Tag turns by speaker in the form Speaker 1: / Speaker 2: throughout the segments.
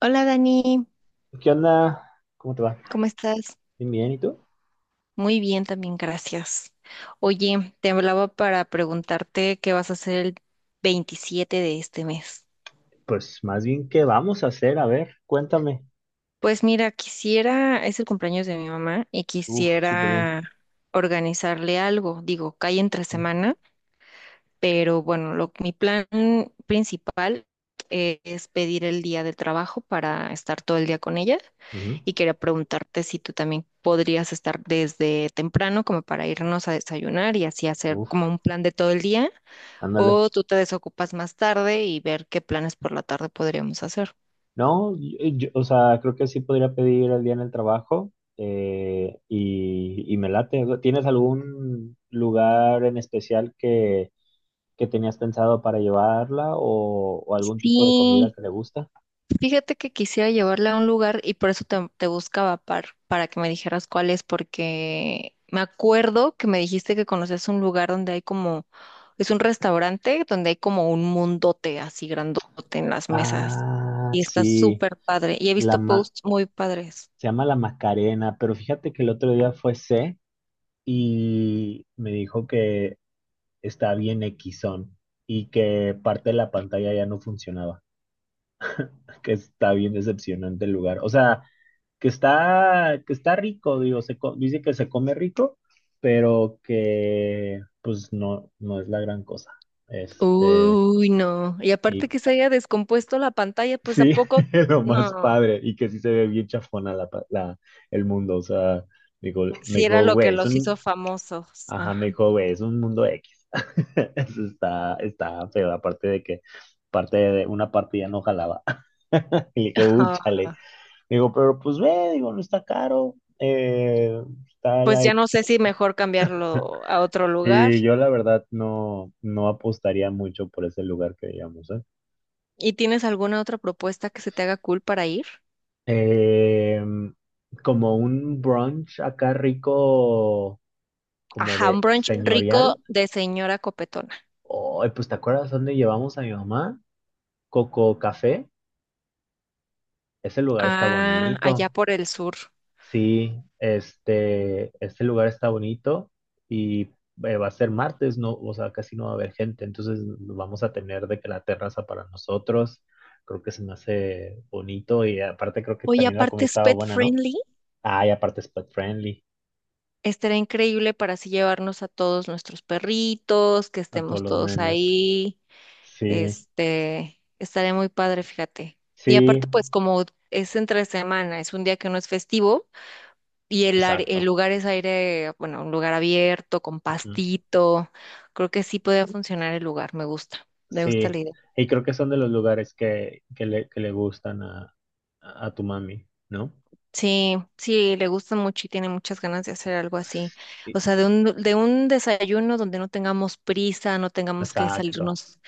Speaker 1: Hola Dani,
Speaker 2: ¿Qué onda? ¿Cómo te va?
Speaker 1: ¿cómo estás?
Speaker 2: Bien, bien, ¿y tú?
Speaker 1: Muy bien también, gracias. Oye, te hablaba para preguntarte qué vas a hacer el 27 de este mes.
Speaker 2: Pues más bien, ¿qué vamos a hacer? A ver, cuéntame.
Speaker 1: Pues mira, quisiera, es el cumpleaños de mi mamá y
Speaker 2: Uf, súper
Speaker 1: quisiera
Speaker 2: bien.
Speaker 1: organizarle algo. Digo, cae entre
Speaker 2: Mm,
Speaker 1: semana, pero bueno, mi plan principal es pedir el día del trabajo para estar todo el día con ella
Speaker 2: ujú.
Speaker 1: y quería preguntarte si tú también podrías estar desde temprano como para irnos a desayunar y así hacer como
Speaker 2: Uf,
Speaker 1: un plan de todo el día
Speaker 2: ándale.
Speaker 1: o tú te desocupas más tarde y ver qué planes por la tarde podríamos hacer.
Speaker 2: No, o sea, creo que sí podría pedir el día en el trabajo y me late. ¿Tienes algún lugar en especial que tenías pensado para llevarla o algún tipo de comida
Speaker 1: Sí,
Speaker 2: que le gusta?
Speaker 1: fíjate que quisiera llevarla a un lugar y por eso te buscaba para que me dijeras cuál es, porque me acuerdo que me dijiste que conoces un lugar donde hay como, es un restaurante donde hay como un mundote así grandote en las mesas
Speaker 2: Ah,
Speaker 1: y está
Speaker 2: sí,
Speaker 1: súper padre y he
Speaker 2: la
Speaker 1: visto
Speaker 2: ma-
Speaker 1: posts muy padres.
Speaker 2: se llama la Macarena, pero fíjate que el otro día fue C. y me dijo que está bien equisón y que parte de la pantalla ya no funcionaba, que está bien decepcionante el lugar. O sea, que está rico, digo, dice que se come rico, pero que pues no, no es la gran cosa. Este,
Speaker 1: Uy, no. Y
Speaker 2: y
Speaker 1: aparte que se haya descompuesto la pantalla, pues a
Speaker 2: sí,
Speaker 1: poco,
Speaker 2: lo más
Speaker 1: no,
Speaker 2: padre, y que sí se ve bien chafona el mundo, o sea, digo, me
Speaker 1: si era
Speaker 2: dijo,
Speaker 1: lo que
Speaker 2: güey, es
Speaker 1: los hizo
Speaker 2: un
Speaker 1: famosos.
Speaker 2: ajá, me
Speaker 1: Ajá.
Speaker 2: dijo, güey, es un mundo X. Eso está feo, aparte de que parte de una parte ya no jalaba. Y le dije,
Speaker 1: Ah,
Speaker 2: chale". Digo, pero pues ve, digo, no está caro. Está
Speaker 1: pues ya
Speaker 2: like.
Speaker 1: no sé si mejor cambiarlo a otro lugar.
Speaker 2: Sí, yo la verdad no, no apostaría mucho por ese lugar que digamos, ¿eh?
Speaker 1: ¿Y tienes alguna otra propuesta que se te haga cool para ir?
Speaker 2: Em, como un brunch acá rico, como
Speaker 1: Ajá, un
Speaker 2: de
Speaker 1: brunch
Speaker 2: señorial.
Speaker 1: rico de señora copetona.
Speaker 2: Oh, pues ¿te acuerdas dónde llevamos a mi mamá? Coco Café. Ese lugar está
Speaker 1: Ah,
Speaker 2: bonito.
Speaker 1: allá por el sur.
Speaker 2: Sí, este lugar está bonito y va a ser martes, no, o sea, casi no va a haber gente, entonces vamos a tener de que la terraza para nosotros. Creo que se me hace bonito y aparte creo que
Speaker 1: Oye,
Speaker 2: también la comida
Speaker 1: aparte es
Speaker 2: estaba
Speaker 1: pet
Speaker 2: buena, ¿no?
Speaker 1: friendly.
Speaker 2: Ah, y aparte es pet friendly
Speaker 1: Estará increíble para así llevarnos a todos nuestros perritos, que
Speaker 2: a todos
Speaker 1: estemos
Speaker 2: los
Speaker 1: todos
Speaker 2: nenes.
Speaker 1: ahí.
Speaker 2: Sí,
Speaker 1: Estaría muy padre, fíjate. Y
Speaker 2: sí,
Speaker 1: aparte, pues como es entre semana, es un día que no es festivo, y el
Speaker 2: exacto.
Speaker 1: lugar es aire, bueno, un lugar abierto, con
Speaker 2: Ujú,
Speaker 1: pastito. Creo que sí podría funcionar el lugar, me gusta
Speaker 2: sí,
Speaker 1: la idea.
Speaker 2: y creo que son de los lugares que le gustan a tu mami, ¿no?
Speaker 1: Sí, sí, le gusta mucho y tiene muchas ganas de hacer algo así. O
Speaker 2: Sí,
Speaker 1: sea, de un desayuno donde no tengamos prisa, no tengamos que
Speaker 2: exacto,
Speaker 1: salirnos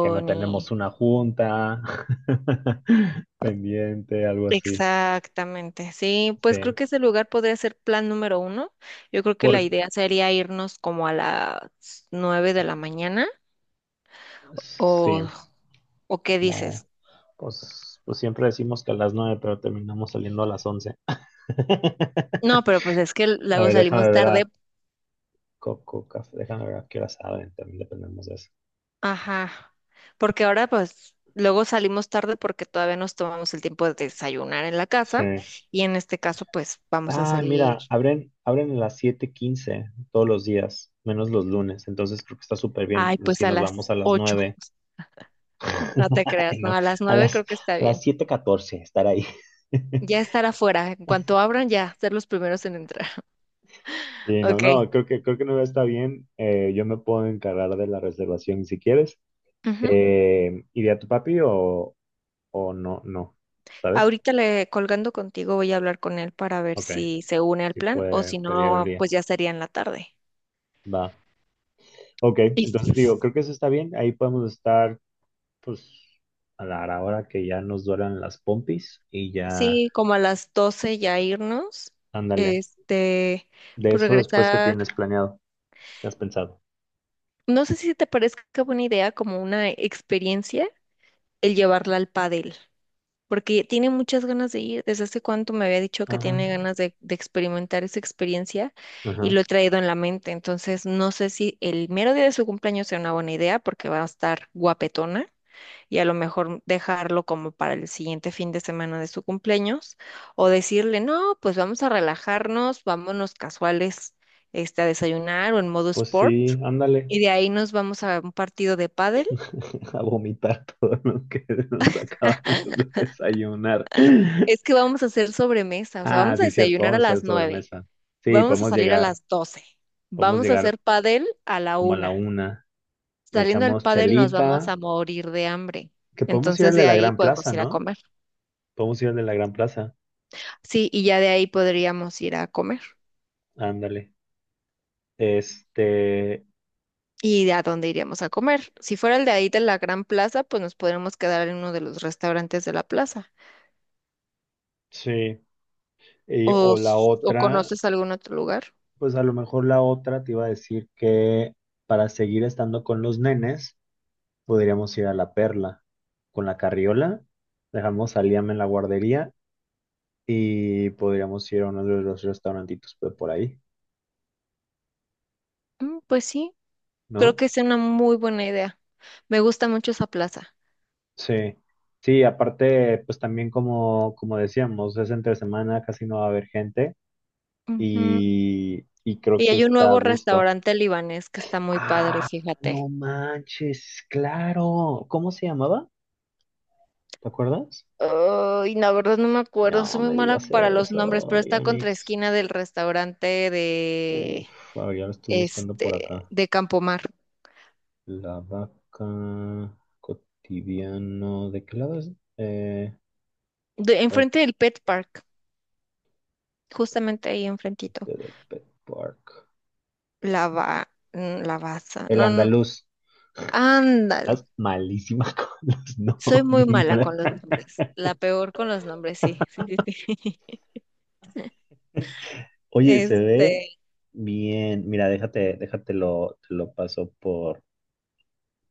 Speaker 2: que no tenemos
Speaker 1: ni...
Speaker 2: una junta pendiente, algo así.
Speaker 1: Exactamente, sí,
Speaker 2: Sí,
Speaker 1: pues creo que ese lugar podría ser plan número uno. Yo creo que
Speaker 2: por,
Speaker 1: la idea sería irnos como a las 9 de la mañana
Speaker 2: sí,
Speaker 1: o, o ¿qué dices?
Speaker 2: como, pues siempre decimos que a las 9, pero terminamos saliendo a las 11.
Speaker 1: No, pero pues es que
Speaker 2: A
Speaker 1: luego
Speaker 2: ver,
Speaker 1: salimos
Speaker 2: déjame ver
Speaker 1: tarde.
Speaker 2: a Coco Café, déjame ver a qué hora saben, también dependemos de eso.
Speaker 1: Ajá. Porque ahora pues luego salimos tarde porque todavía nos tomamos el tiempo de desayunar en la
Speaker 2: Sí.
Speaker 1: casa y en este caso pues vamos a
Speaker 2: Ah,
Speaker 1: salir,
Speaker 2: mira, abren a las 7:15 todos los días, menos los lunes, entonces creo que está súper bien.
Speaker 1: ay, pues
Speaker 2: Si
Speaker 1: a
Speaker 2: nos vamos
Speaker 1: las
Speaker 2: a las
Speaker 1: 8.
Speaker 2: nueve
Speaker 1: No te creas,
Speaker 2: Ay,
Speaker 1: no,
Speaker 2: no,
Speaker 1: a las
Speaker 2: a
Speaker 1: 9
Speaker 2: las,
Speaker 1: creo que está
Speaker 2: a las
Speaker 1: bien.
Speaker 2: siete catorce estar ahí.
Speaker 1: Ya estar afuera, en cuanto abran ya, ser los primeros en entrar.
Speaker 2: Sí, no,
Speaker 1: Ok.
Speaker 2: no, creo que, creo que, no está bien. Yo me puedo encargar de la reservación si quieres.
Speaker 1: Ujú.
Speaker 2: ¿Iría tu papi o no? No, ¿sabes?
Speaker 1: Ahorita le colgando contigo voy a hablar con él para ver
Speaker 2: Ok,
Speaker 1: si se une al
Speaker 2: sí
Speaker 1: plan o
Speaker 2: puede
Speaker 1: si
Speaker 2: pedir el
Speaker 1: no, pues
Speaker 2: día.
Speaker 1: ya sería en la tarde.
Speaker 2: Va. Ok,
Speaker 1: Sí,
Speaker 2: entonces digo, creo que eso está bien. Ahí podemos estar, pues, a la hora que ya nos duelan las pompis y ya,
Speaker 1: sí, como a las 12 ya irnos,
Speaker 2: ándale.
Speaker 1: este,
Speaker 2: De
Speaker 1: pues
Speaker 2: eso después que
Speaker 1: regresar.
Speaker 2: tienes planeado, ¿qué has pensado?
Speaker 1: No sé si te parezca buena idea como una experiencia el llevarla al pádel, porque tiene muchas ganas de ir. Desde hace cuánto me había dicho que
Speaker 2: Ajá,
Speaker 1: tiene ganas de experimentar esa experiencia y
Speaker 2: ajá.
Speaker 1: lo he traído en la mente. Entonces, no sé si el mero día de su cumpleaños sea una buena idea porque va a estar guapetona. Y a lo mejor dejarlo como para el siguiente fin de semana de su cumpleaños o decirle, no, pues vamos a relajarnos, vámonos casuales, a desayunar o en modo
Speaker 2: Pues
Speaker 1: sport
Speaker 2: sí, ándale
Speaker 1: y de ahí nos vamos a un partido de pádel.
Speaker 2: a vomitar todo lo que nos acabamos de desayunar.
Speaker 1: Es que vamos a hacer sobremesa, o sea,
Speaker 2: Ah,
Speaker 1: vamos a
Speaker 2: sí, cierto,
Speaker 1: desayunar a
Speaker 2: vamos a
Speaker 1: las
Speaker 2: hacer
Speaker 1: 9,
Speaker 2: sobremesa. Sí,
Speaker 1: vamos a
Speaker 2: podemos
Speaker 1: salir a
Speaker 2: llegar,
Speaker 1: las 12,
Speaker 2: podemos
Speaker 1: vamos a hacer
Speaker 2: llegar
Speaker 1: pádel a la
Speaker 2: como a la
Speaker 1: 1.
Speaker 2: una. Le
Speaker 1: Saliendo del
Speaker 2: echamos
Speaker 1: pádel nos vamos
Speaker 2: chelita,
Speaker 1: a morir de hambre.
Speaker 2: que podemos ir
Speaker 1: Entonces
Speaker 2: al de
Speaker 1: de
Speaker 2: la
Speaker 1: ahí
Speaker 2: Gran
Speaker 1: podemos
Speaker 2: Plaza,
Speaker 1: ir a
Speaker 2: ¿no?
Speaker 1: comer.
Speaker 2: Podemos ir al de la Gran Plaza,
Speaker 1: Sí, y ya de ahí podríamos ir a comer.
Speaker 2: ándale. Este,
Speaker 1: Y de a dónde iríamos a comer. Si fuera el de ahí de la Gran Plaza, pues nos podríamos quedar en uno de los restaurantes de la plaza.
Speaker 2: sí,
Speaker 1: ¿O,
Speaker 2: o la
Speaker 1: s- o
Speaker 2: otra,
Speaker 1: conoces algún otro lugar?
Speaker 2: pues a lo mejor la otra te iba a decir que para seguir estando con los nenes. Podríamos ir a La Perla con la carriola, dejamos a Liam en la guardería y podríamos ir a uno de los restaurantitos pues, por ahí,
Speaker 1: Pues sí, creo
Speaker 2: ¿no?
Speaker 1: que es una muy buena idea. Me gusta mucho esa plaza.
Speaker 2: Sí, sí, aparte, pues también como, como decíamos, es entre semana, casi no va a haber gente
Speaker 1: Ujú.
Speaker 2: y creo
Speaker 1: Y
Speaker 2: que
Speaker 1: hay un
Speaker 2: está a
Speaker 1: nuevo
Speaker 2: gusto.
Speaker 1: restaurante libanés que está muy padre,
Speaker 2: Ah,
Speaker 1: fíjate.
Speaker 2: no manches, claro. ¿Cómo se llamaba? ¿Te acuerdas?
Speaker 1: Ay, la verdad no me acuerdo,
Speaker 2: No
Speaker 1: soy muy
Speaker 2: me
Speaker 1: mala
Speaker 2: digas
Speaker 1: para los nombres, pero
Speaker 2: eso,
Speaker 1: está contra
Speaker 2: Yanix.
Speaker 1: esquina del restaurante de
Speaker 2: Uf, a ver, ya lo estoy buscando por
Speaker 1: este
Speaker 2: acá.
Speaker 1: de Campomar,
Speaker 2: La vaca cotidiano. ¿De qué lado es? Eh, recto
Speaker 1: enfrente del Pet Park. Justamente ahí enfrentito.
Speaker 2: del Pet Park.
Speaker 1: La Baza.
Speaker 2: El
Speaker 1: No, no,
Speaker 2: andaluz.
Speaker 1: ándale.
Speaker 2: Estás malísima con los
Speaker 1: Soy muy mala con
Speaker 2: nombres.
Speaker 1: los nombres. La peor con los nombres, sí, sí, sí, sí.
Speaker 2: Oye, se ve
Speaker 1: Este,
Speaker 2: bien. Mira, déjate, déjatelo, te lo paso por,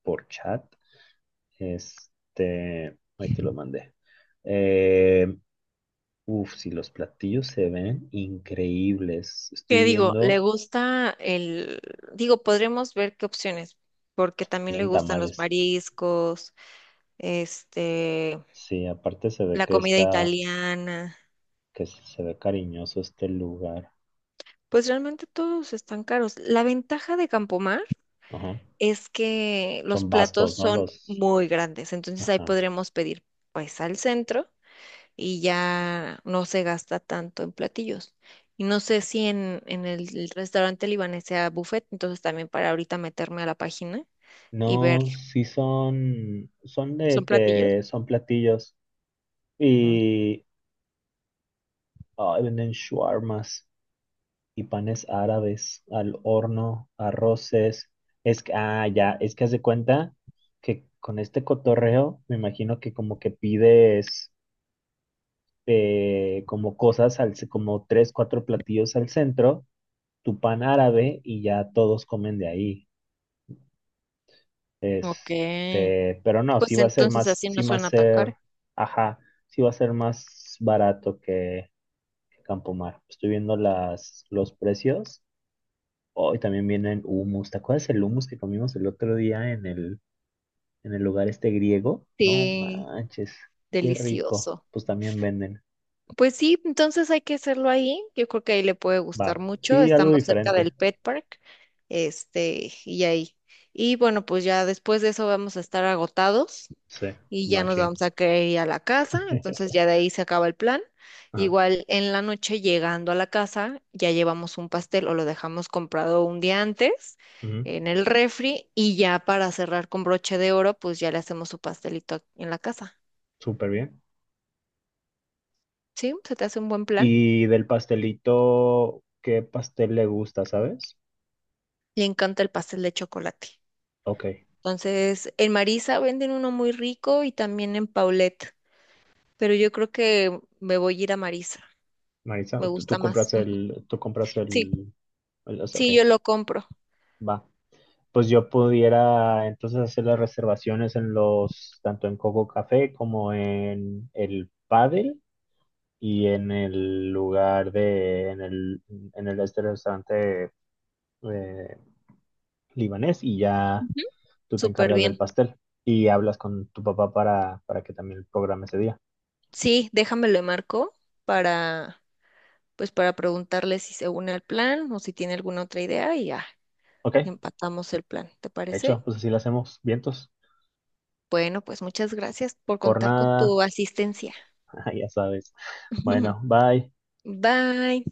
Speaker 2: por chat. Este, ahí te lo mandé. Eh, uf, si los platillos se ven increíbles. Estoy
Speaker 1: ¿qué digo? Le
Speaker 2: viendo,
Speaker 1: gusta digo, podremos ver qué opciones, porque también le
Speaker 2: eran
Speaker 1: gustan los
Speaker 2: tamales.
Speaker 1: mariscos, este,
Speaker 2: Sí, aparte se ve
Speaker 1: la
Speaker 2: que
Speaker 1: comida
Speaker 2: está,
Speaker 1: italiana.
Speaker 2: que se ve cariñoso este lugar.
Speaker 1: Pues realmente todos están caros. La ventaja de Campomar
Speaker 2: Ajá.
Speaker 1: es que los
Speaker 2: Son
Speaker 1: platos
Speaker 2: vastos, ¿no?
Speaker 1: son
Speaker 2: Los,
Speaker 1: muy grandes, entonces ahí
Speaker 2: ajá.
Speaker 1: podremos pedir pues al centro y ya no se gasta tanto en platillos. Y no sé si en el restaurante libanés sea buffet, entonces también para ahorita meterme a la página y ver.
Speaker 2: No, sí son de
Speaker 1: ¿Son platillos?
Speaker 2: que son platillos
Speaker 1: Mm.
Speaker 2: y ay, venden shawarmas y panes árabes al horno, arroces. Es que, ah, ya, es que haz de cuenta que con este cotorreo me imagino que como que pides como cosas, como tres, cuatro platillos al centro, tu pan árabe y ya todos comen de ahí.
Speaker 1: Ok.
Speaker 2: Este, pero no, sí
Speaker 1: Pues
Speaker 2: va a ser
Speaker 1: entonces
Speaker 2: más,
Speaker 1: así
Speaker 2: sí
Speaker 1: no
Speaker 2: va a
Speaker 1: suena tan caro.
Speaker 2: ser, ajá, sí va a ser más barato que, Campomar. Estoy viendo los precios. Hoy también vienen hummus. ¿Te acuerdas el hummus que comimos el otro día en el, lugar este griego? No
Speaker 1: Sí,
Speaker 2: manches, qué rico.
Speaker 1: delicioso.
Speaker 2: Pues también venden.
Speaker 1: Pues sí, entonces hay que hacerlo ahí. Yo creo que ahí le puede gustar
Speaker 2: Va,
Speaker 1: mucho.
Speaker 2: sí, algo
Speaker 1: Estamos cerca
Speaker 2: diferente.
Speaker 1: del Pet Park, y ahí. Y bueno, pues ya después de eso vamos a estar agotados
Speaker 2: Sí,
Speaker 1: y ya nos
Speaker 2: machín.
Speaker 1: vamos a querer ir a la casa. Entonces ya de ahí se acaba el plan.
Speaker 2: Ajá.
Speaker 1: Igual en la noche llegando a la casa ya llevamos un pastel o lo dejamos comprado un día antes
Speaker 2: Ujú,
Speaker 1: en el refri y ya para cerrar con broche de oro, pues ya le hacemos su pastelito en la casa.
Speaker 2: súper bien.
Speaker 1: ¿Sí? ¿Se te hace un buen plan?
Speaker 2: Y del pastelito, ¿qué pastel le gusta, sabes?
Speaker 1: Le encanta el pastel de chocolate.
Speaker 2: Ok.
Speaker 1: Entonces, en Marisa venden uno muy rico y también en Paulette, pero yo creo que me voy a ir a Marisa,
Speaker 2: Marisa,
Speaker 1: me
Speaker 2: tú
Speaker 1: gusta más.
Speaker 2: compras
Speaker 1: Mm, sí,
Speaker 2: o sea, ok,
Speaker 1: sí, yo lo compro.
Speaker 2: va. Pues yo pudiera entonces hacer las reservaciones en los, tanto en Coco Café como en el Padel y en el lugar de, en el este restaurante eh, libanés y ya
Speaker 1: Ujú.
Speaker 2: tú te
Speaker 1: Súper
Speaker 2: encargas del
Speaker 1: bien.
Speaker 2: pastel y hablas con tu papá para que también programe ese día.
Speaker 1: Sí, déjame le marco para, pues para preguntarle si se une al plan o si tiene alguna otra idea y ya
Speaker 2: Ok,
Speaker 1: empatamos el plan, ¿te
Speaker 2: hecho,
Speaker 1: parece?
Speaker 2: pues así lo hacemos, vientos,
Speaker 1: Bueno, pues muchas gracias por
Speaker 2: por
Speaker 1: contar con
Speaker 2: nada,
Speaker 1: tu asistencia.
Speaker 2: ya sabes. Bueno, bye.
Speaker 1: Bye.